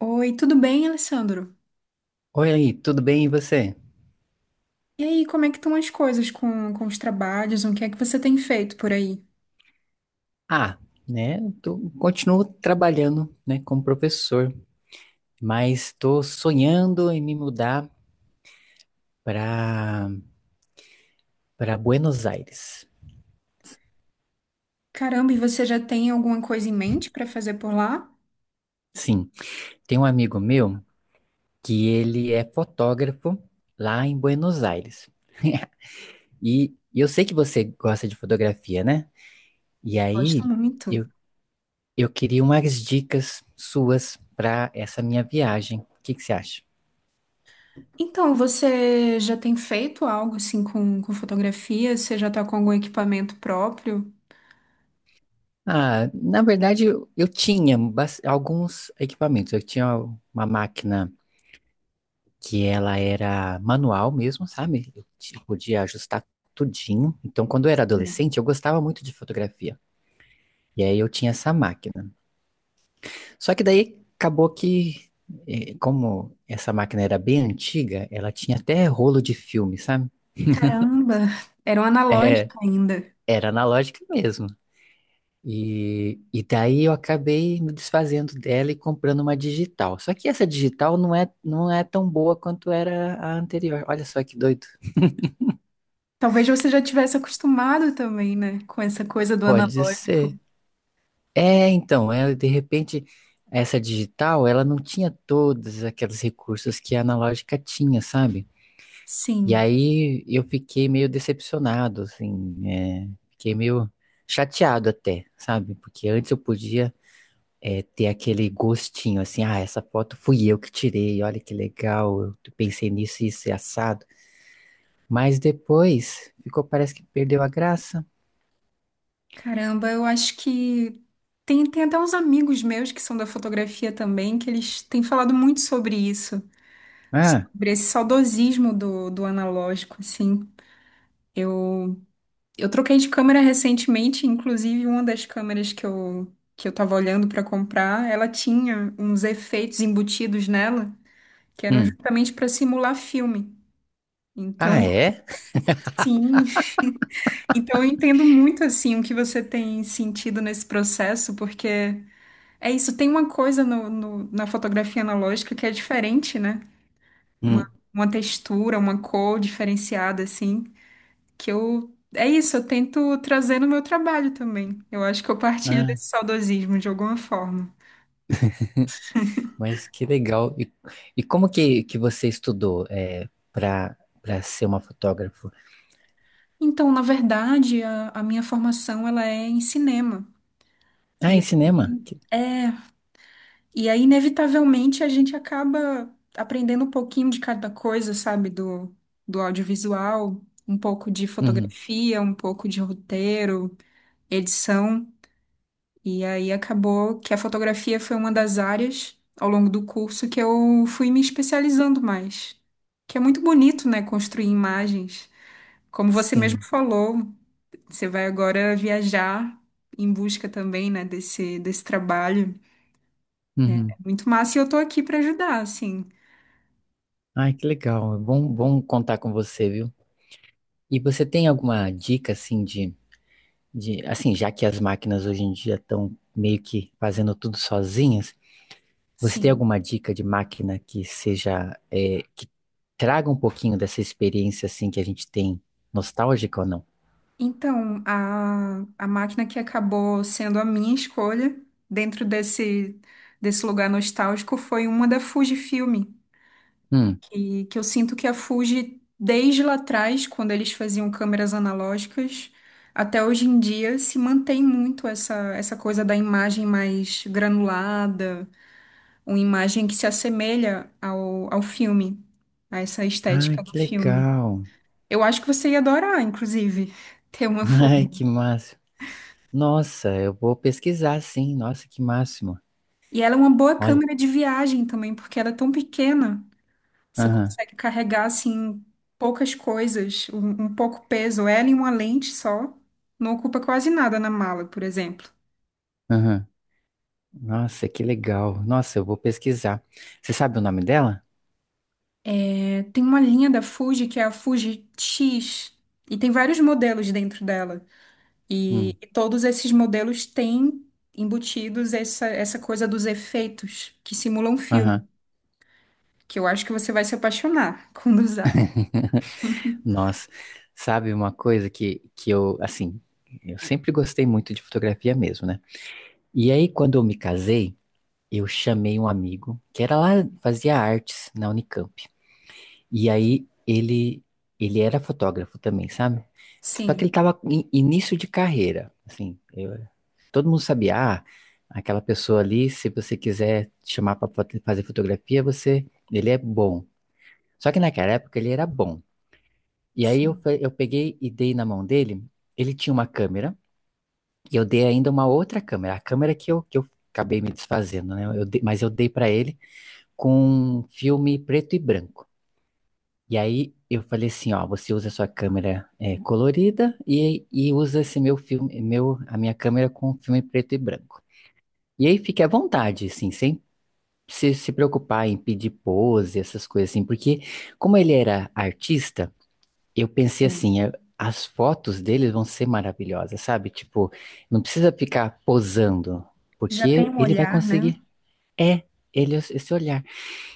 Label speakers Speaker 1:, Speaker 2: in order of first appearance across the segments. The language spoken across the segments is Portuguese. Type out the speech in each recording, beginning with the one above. Speaker 1: Oi, tudo bem, Alessandro?
Speaker 2: Oi, aí, tudo bem e você?
Speaker 1: E aí, como é que estão as coisas com os trabalhos? O que é que você tem feito por aí?
Speaker 2: Ah, né, tô, continuo trabalhando, né, como professor, mas estou sonhando em me mudar para para Buenos Aires.
Speaker 1: Caramba, e você já tem alguma coisa em mente para fazer por lá?
Speaker 2: Sim, tem um amigo meu que ele é fotógrafo lá em Buenos Aires. E, e eu sei que você gosta de fotografia, né? E aí
Speaker 1: Gosto muito.
Speaker 2: eu, eu queria umas dicas suas para essa minha viagem. O que que você acha?
Speaker 1: Então, você já tem feito algo assim com fotografia? Você já está com algum equipamento próprio?
Speaker 2: Ah, na verdade, eu tinha alguns equipamentos. Eu tinha uma máquina que ela era manual mesmo, sabe? Podia ajustar tudinho. Então, quando eu era adolescente, eu gostava muito de fotografia. E aí eu tinha essa máquina. Só que daí acabou que, como essa máquina era bem antiga, ela tinha até rolo de filme, sabe?
Speaker 1: Caramba, era um
Speaker 2: É,
Speaker 1: analógico ainda.
Speaker 2: era analógica mesmo. E daí eu acabei me desfazendo dela e comprando uma digital. Só que essa digital não é tão boa quanto era a anterior. Olha só que doido.
Speaker 1: Talvez você já tivesse acostumado também, né, com essa coisa do
Speaker 2: Pode
Speaker 1: analógico.
Speaker 2: ser. É, então, é, de repente, essa digital, ela não tinha todos aqueles recursos que a analógica tinha, sabe? E
Speaker 1: Sim.
Speaker 2: aí eu fiquei meio decepcionado, assim, é, fiquei meio chateado até, sabe? Porque antes eu podia é, ter aquele gostinho assim, ah, essa foto fui eu que tirei, olha que legal, eu pensei nisso e isso é assado. Mas depois ficou, parece que perdeu a graça.
Speaker 1: Caramba, eu acho que tem até uns amigos meus que são da fotografia também, que eles têm falado muito sobre isso,
Speaker 2: Ah,
Speaker 1: sobre esse saudosismo do analógico, assim. Eu, eu troquei de câmera recentemente, inclusive uma das câmeras que eu tava olhando para comprar, ela tinha uns efeitos embutidos nela, que eram
Speaker 2: hum.
Speaker 1: justamente para simular filme.
Speaker 2: Ah,
Speaker 1: Então,
Speaker 2: é?
Speaker 1: sim, então eu entendo muito assim o que você tem sentido nesse processo, porque é isso, tem uma coisa na fotografia analógica que é diferente, né? Uma,
Speaker 2: Hum.
Speaker 1: uma textura, uma cor diferenciada, assim, que eu. É isso, eu tento trazer no meu trabalho também. Eu acho que eu partilho
Speaker 2: Ah,
Speaker 1: desse saudosismo de alguma forma.
Speaker 2: mas que legal. E como que você estudou é, para ser uma fotógrafa?
Speaker 1: Então, na verdade, a minha formação ela é em cinema.
Speaker 2: Ah,
Speaker 1: E
Speaker 2: em cinema?
Speaker 1: aí,
Speaker 2: Que-
Speaker 1: é. E aí, inevitavelmente, a gente acaba aprendendo um pouquinho de cada coisa, sabe? Do audiovisual, um pouco de
Speaker 2: Uhum.
Speaker 1: fotografia, um pouco de roteiro, edição. E aí acabou que a fotografia foi uma das áreas ao longo do curso que eu fui me especializando mais. Que é muito bonito, né? Construir imagens. Como você mesmo
Speaker 2: Sim.
Speaker 1: falou, você vai agora viajar em busca também, né? Desse trabalho. É
Speaker 2: Uhum.
Speaker 1: Muito massa, e eu tô aqui para ajudar, assim.
Speaker 2: Ai, que legal. É bom, bom contar com você, viu? E você tem alguma dica assim de, assim, já que as máquinas hoje em dia estão meio que fazendo tudo sozinhas, você tem
Speaker 1: Sim.
Speaker 2: alguma dica de máquina que seja, é, que traga um pouquinho dessa experiência assim que a gente tem, nostálgica ou não?
Speaker 1: Então, a máquina que acabou sendo a minha escolha dentro desse lugar nostálgico foi uma da Fujifilm,
Speaker 2: Hum.
Speaker 1: que eu sinto que a Fuji, desde lá atrás, quando eles faziam câmeras analógicas, até hoje em dia, se mantém muito essa coisa da imagem mais granulada, uma imagem que se assemelha ao filme, a essa
Speaker 2: Ai,
Speaker 1: estética do
Speaker 2: que
Speaker 1: filme.
Speaker 2: legal.
Speaker 1: Eu acho que você ia adorar, inclusive, ter uma
Speaker 2: Ai,
Speaker 1: Fuji.
Speaker 2: que máximo. Nossa, eu vou pesquisar sim. Nossa, que máximo.
Speaker 1: E ela é uma boa
Speaker 2: Olha.
Speaker 1: câmera de viagem também, porque ela é tão pequena. Você
Speaker 2: Aham,
Speaker 1: consegue carregar, assim, poucas coisas, um pouco peso. Ela e uma lente só. Não ocupa quase nada na mala, por exemplo.
Speaker 2: aham. Nossa, que legal. Nossa, eu vou pesquisar. Você sabe o nome dela?
Speaker 1: É, tem uma linha da Fuji que é a Fuji X. E tem vários modelos dentro dela. E,
Speaker 2: Hum.
Speaker 1: e todos esses modelos têm embutidos essa coisa dos efeitos que simulam filme.
Speaker 2: Aham.
Speaker 1: Que eu acho que você vai se apaixonar quando usar.
Speaker 2: Nossa, sabe uma coisa que eu, assim, eu sempre gostei muito de fotografia mesmo, né? E aí, quando eu me casei, eu chamei um amigo que era lá, fazia artes na Unicamp. E aí, ele era fotógrafo também, sabe? Só que
Speaker 1: Sim.
Speaker 2: ele tava em início de carreira, assim, todo mundo sabia, ah, aquela pessoa ali, se você quiser chamar para fazer fotografia, você, ele é bom. Só que naquela época ele era bom. E aí eu,
Speaker 1: Sim.
Speaker 2: eu peguei e dei na mão dele. Ele tinha uma câmera e eu dei ainda uma outra câmera, a câmera que eu acabei me desfazendo, né? Mas eu dei pra ele com um filme preto e branco. E aí eu falei assim, ó, você usa a sua câmera é, colorida e usa esse meu filme, meu, a minha câmera com filme preto e branco. E aí fique à vontade, assim, sem se preocupar em pedir pose, essas coisas assim, porque como ele era artista. Eu pensei
Speaker 1: Sim.
Speaker 2: assim, é, as fotos deles vão ser maravilhosas, sabe? Tipo, não precisa ficar posando,
Speaker 1: Já tem
Speaker 2: porque
Speaker 1: um
Speaker 2: ele vai
Speaker 1: olhar, né?
Speaker 2: conseguir. É, ele é esse olhar.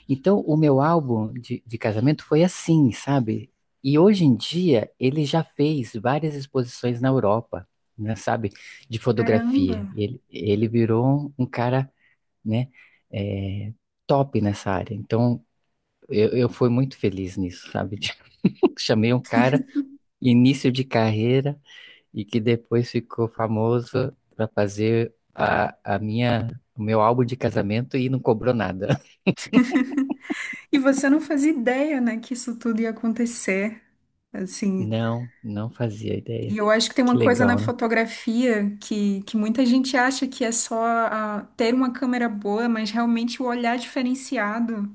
Speaker 2: Então, o meu álbum de casamento foi assim, sabe? E hoje em dia, ele já fez várias exposições na Europa, né, sabe? De
Speaker 1: Caramba!
Speaker 2: fotografia. Ele virou um, um cara, né? é, top nessa área. Então, eu fui muito feliz nisso, sabe? Chamei um cara início de carreira e que depois ficou famoso para fazer a minha, o meu álbum de casamento e não cobrou nada.
Speaker 1: E você não fazia ideia, né, que isso tudo ia acontecer, assim.
Speaker 2: Não, não fazia
Speaker 1: E
Speaker 2: ideia.
Speaker 1: eu acho que tem
Speaker 2: Que
Speaker 1: uma coisa na
Speaker 2: legal, né?
Speaker 1: fotografia que muita gente acha que é só ah, ter uma câmera boa, mas realmente o olhar diferenciado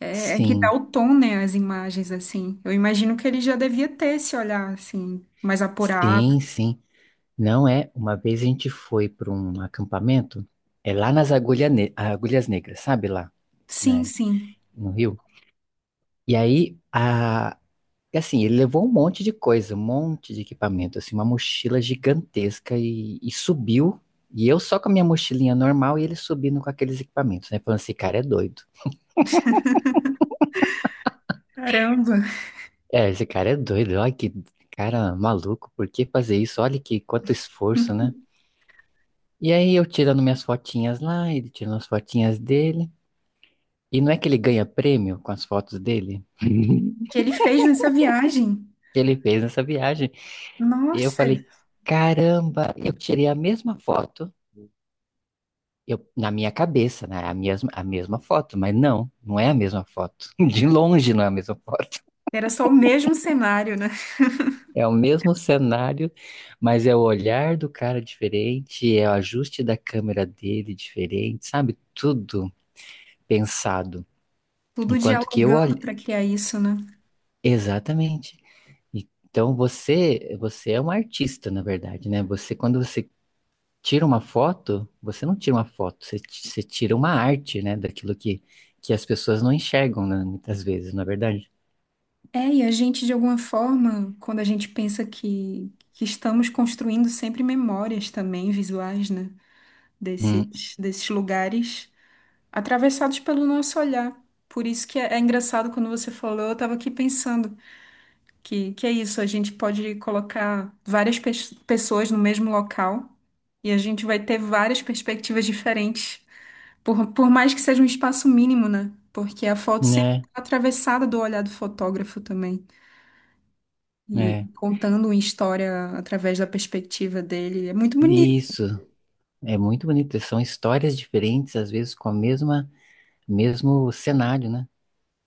Speaker 1: é, é que dá
Speaker 2: Sim,
Speaker 1: o tom, né, às imagens, assim. Eu imagino que ele já devia ter esse olhar, assim, mais apurado.
Speaker 2: sim, sim. Não é? Uma vez a gente foi para um acampamento, é lá nas Agulhas Negras, sabe lá,
Speaker 1: Sim,
Speaker 2: né?
Speaker 1: sim.
Speaker 2: No Rio. E aí a. E assim, ele levou um monte de coisa, um monte de equipamento, assim, uma mochila gigantesca e subiu. E eu só com a minha mochilinha normal e ele subindo com aqueles equipamentos, né? Falando, esse cara é doido.
Speaker 1: Caramba!
Speaker 2: É, esse cara é doido, olha que cara maluco, por que fazer isso? Olha que quanto esforço, né? E aí eu tirando minhas fotinhas lá, ele tirando as fotinhas dele. E não é que ele ganha prêmio com as fotos dele?
Speaker 1: Que ele fez nessa viagem.
Speaker 2: Que ele fez nessa viagem. E eu
Speaker 1: Nossa!
Speaker 2: falei, caramba, eu tirei a mesma foto. Eu, na minha cabeça, né? é a mesma foto, mas não, não é a mesma foto. De longe não é a mesma foto.
Speaker 1: Era só o mesmo cenário, né?
Speaker 2: É o mesmo cenário, mas é o olhar do cara diferente, é o ajuste da câmera dele diferente, sabe? Tudo pensado.
Speaker 1: Tudo
Speaker 2: Enquanto que eu
Speaker 1: dialogando
Speaker 2: olho.
Speaker 1: para criar isso, né?
Speaker 2: Exatamente. Então você, você é um artista, na verdade, né? Você, quando você tira uma foto, você não tira uma foto, você, você tira uma arte, né? Daquilo que as pessoas não enxergam, né? Muitas vezes, na verdade.
Speaker 1: É, e a gente, de alguma forma, quando a gente pensa que estamos construindo sempre memórias também visuais, né?
Speaker 2: Hum,
Speaker 1: Desses lugares, atravessados pelo nosso olhar. Por isso que é, é engraçado quando você falou, eu estava aqui pensando que é isso, a gente pode colocar pessoas no mesmo local e a gente vai ter várias perspectivas diferentes, por mais que seja um espaço mínimo, né? Porque a foto sempre
Speaker 2: né?
Speaker 1: está atravessada do olhar do fotógrafo também. E
Speaker 2: É.
Speaker 1: contando uma história através da perspectiva dele. É muito bonito.
Speaker 2: Isso. É muito bonito. São histórias diferentes, às vezes com a mesma, mesmo cenário, né?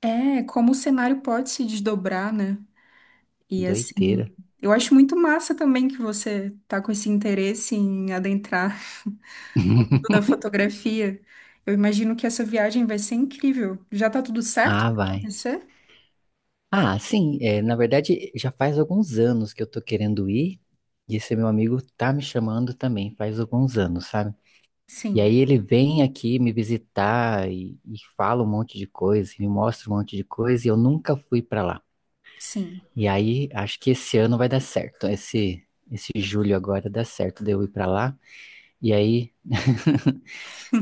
Speaker 1: É, como o cenário pode se desdobrar, né? E assim,
Speaker 2: Doideira.
Speaker 1: eu acho muito massa também que você tá com esse interesse em adentrar o mundo da fotografia. Eu imagino que essa viagem vai ser incrível. Já tá tudo certo
Speaker 2: Ah,
Speaker 1: pra
Speaker 2: vai.
Speaker 1: acontecer?
Speaker 2: Ah, sim, é, na verdade já faz alguns anos que eu tô querendo ir, e esse meu amigo tá me chamando também, faz alguns anos, sabe? E
Speaker 1: Sim,
Speaker 2: aí ele vem aqui me visitar e fala um monte de coisa, e me mostra um monte de coisa, e eu nunca fui pra lá.
Speaker 1: sim.
Speaker 2: E aí, acho que esse ano vai dar certo. Esse julho agora dá certo de eu ir pra lá e aí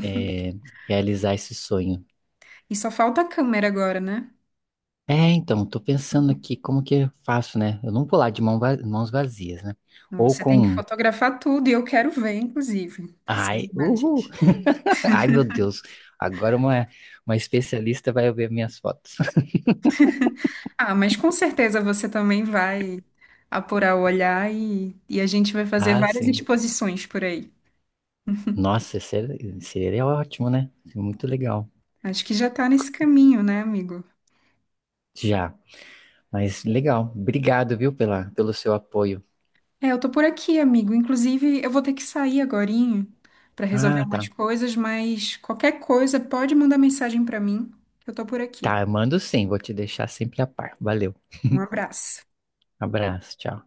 Speaker 2: é, realizar esse sonho.
Speaker 1: E só falta a câmera agora, né?
Speaker 2: É, então, tô pensando aqui como que eu faço, né? Eu não vou lá de mãos vazias, né? Ou
Speaker 1: Você
Speaker 2: com.
Speaker 1: tem que
Speaker 2: Um,
Speaker 1: fotografar tudo e eu quero ver, inclusive, essas
Speaker 2: ai, uhul!
Speaker 1: imagens.
Speaker 2: Ai, meu Deus! Agora uma especialista vai ver minhas fotos.
Speaker 1: Ah, mas com certeza você também vai apurar o olhar e a gente vai fazer
Speaker 2: Ah,
Speaker 1: várias
Speaker 2: sim.
Speaker 1: exposições por aí.
Speaker 2: Nossa, seria ótimo, né? Seria muito legal.
Speaker 1: Acho que já tá nesse caminho, né, amigo?
Speaker 2: Já, mas legal. Obrigado, viu, pela, pelo seu apoio.
Speaker 1: É, eu tô por aqui, amigo. Inclusive, eu vou ter que sair agorinho para resolver
Speaker 2: Ah,
Speaker 1: umas
Speaker 2: tá.
Speaker 1: coisas, mas qualquer coisa pode mandar mensagem para mim, que eu tô por aqui.
Speaker 2: Tá, eu mando sim, vou te deixar sempre a par. Valeu,
Speaker 1: Um abraço.
Speaker 2: abraço, tchau.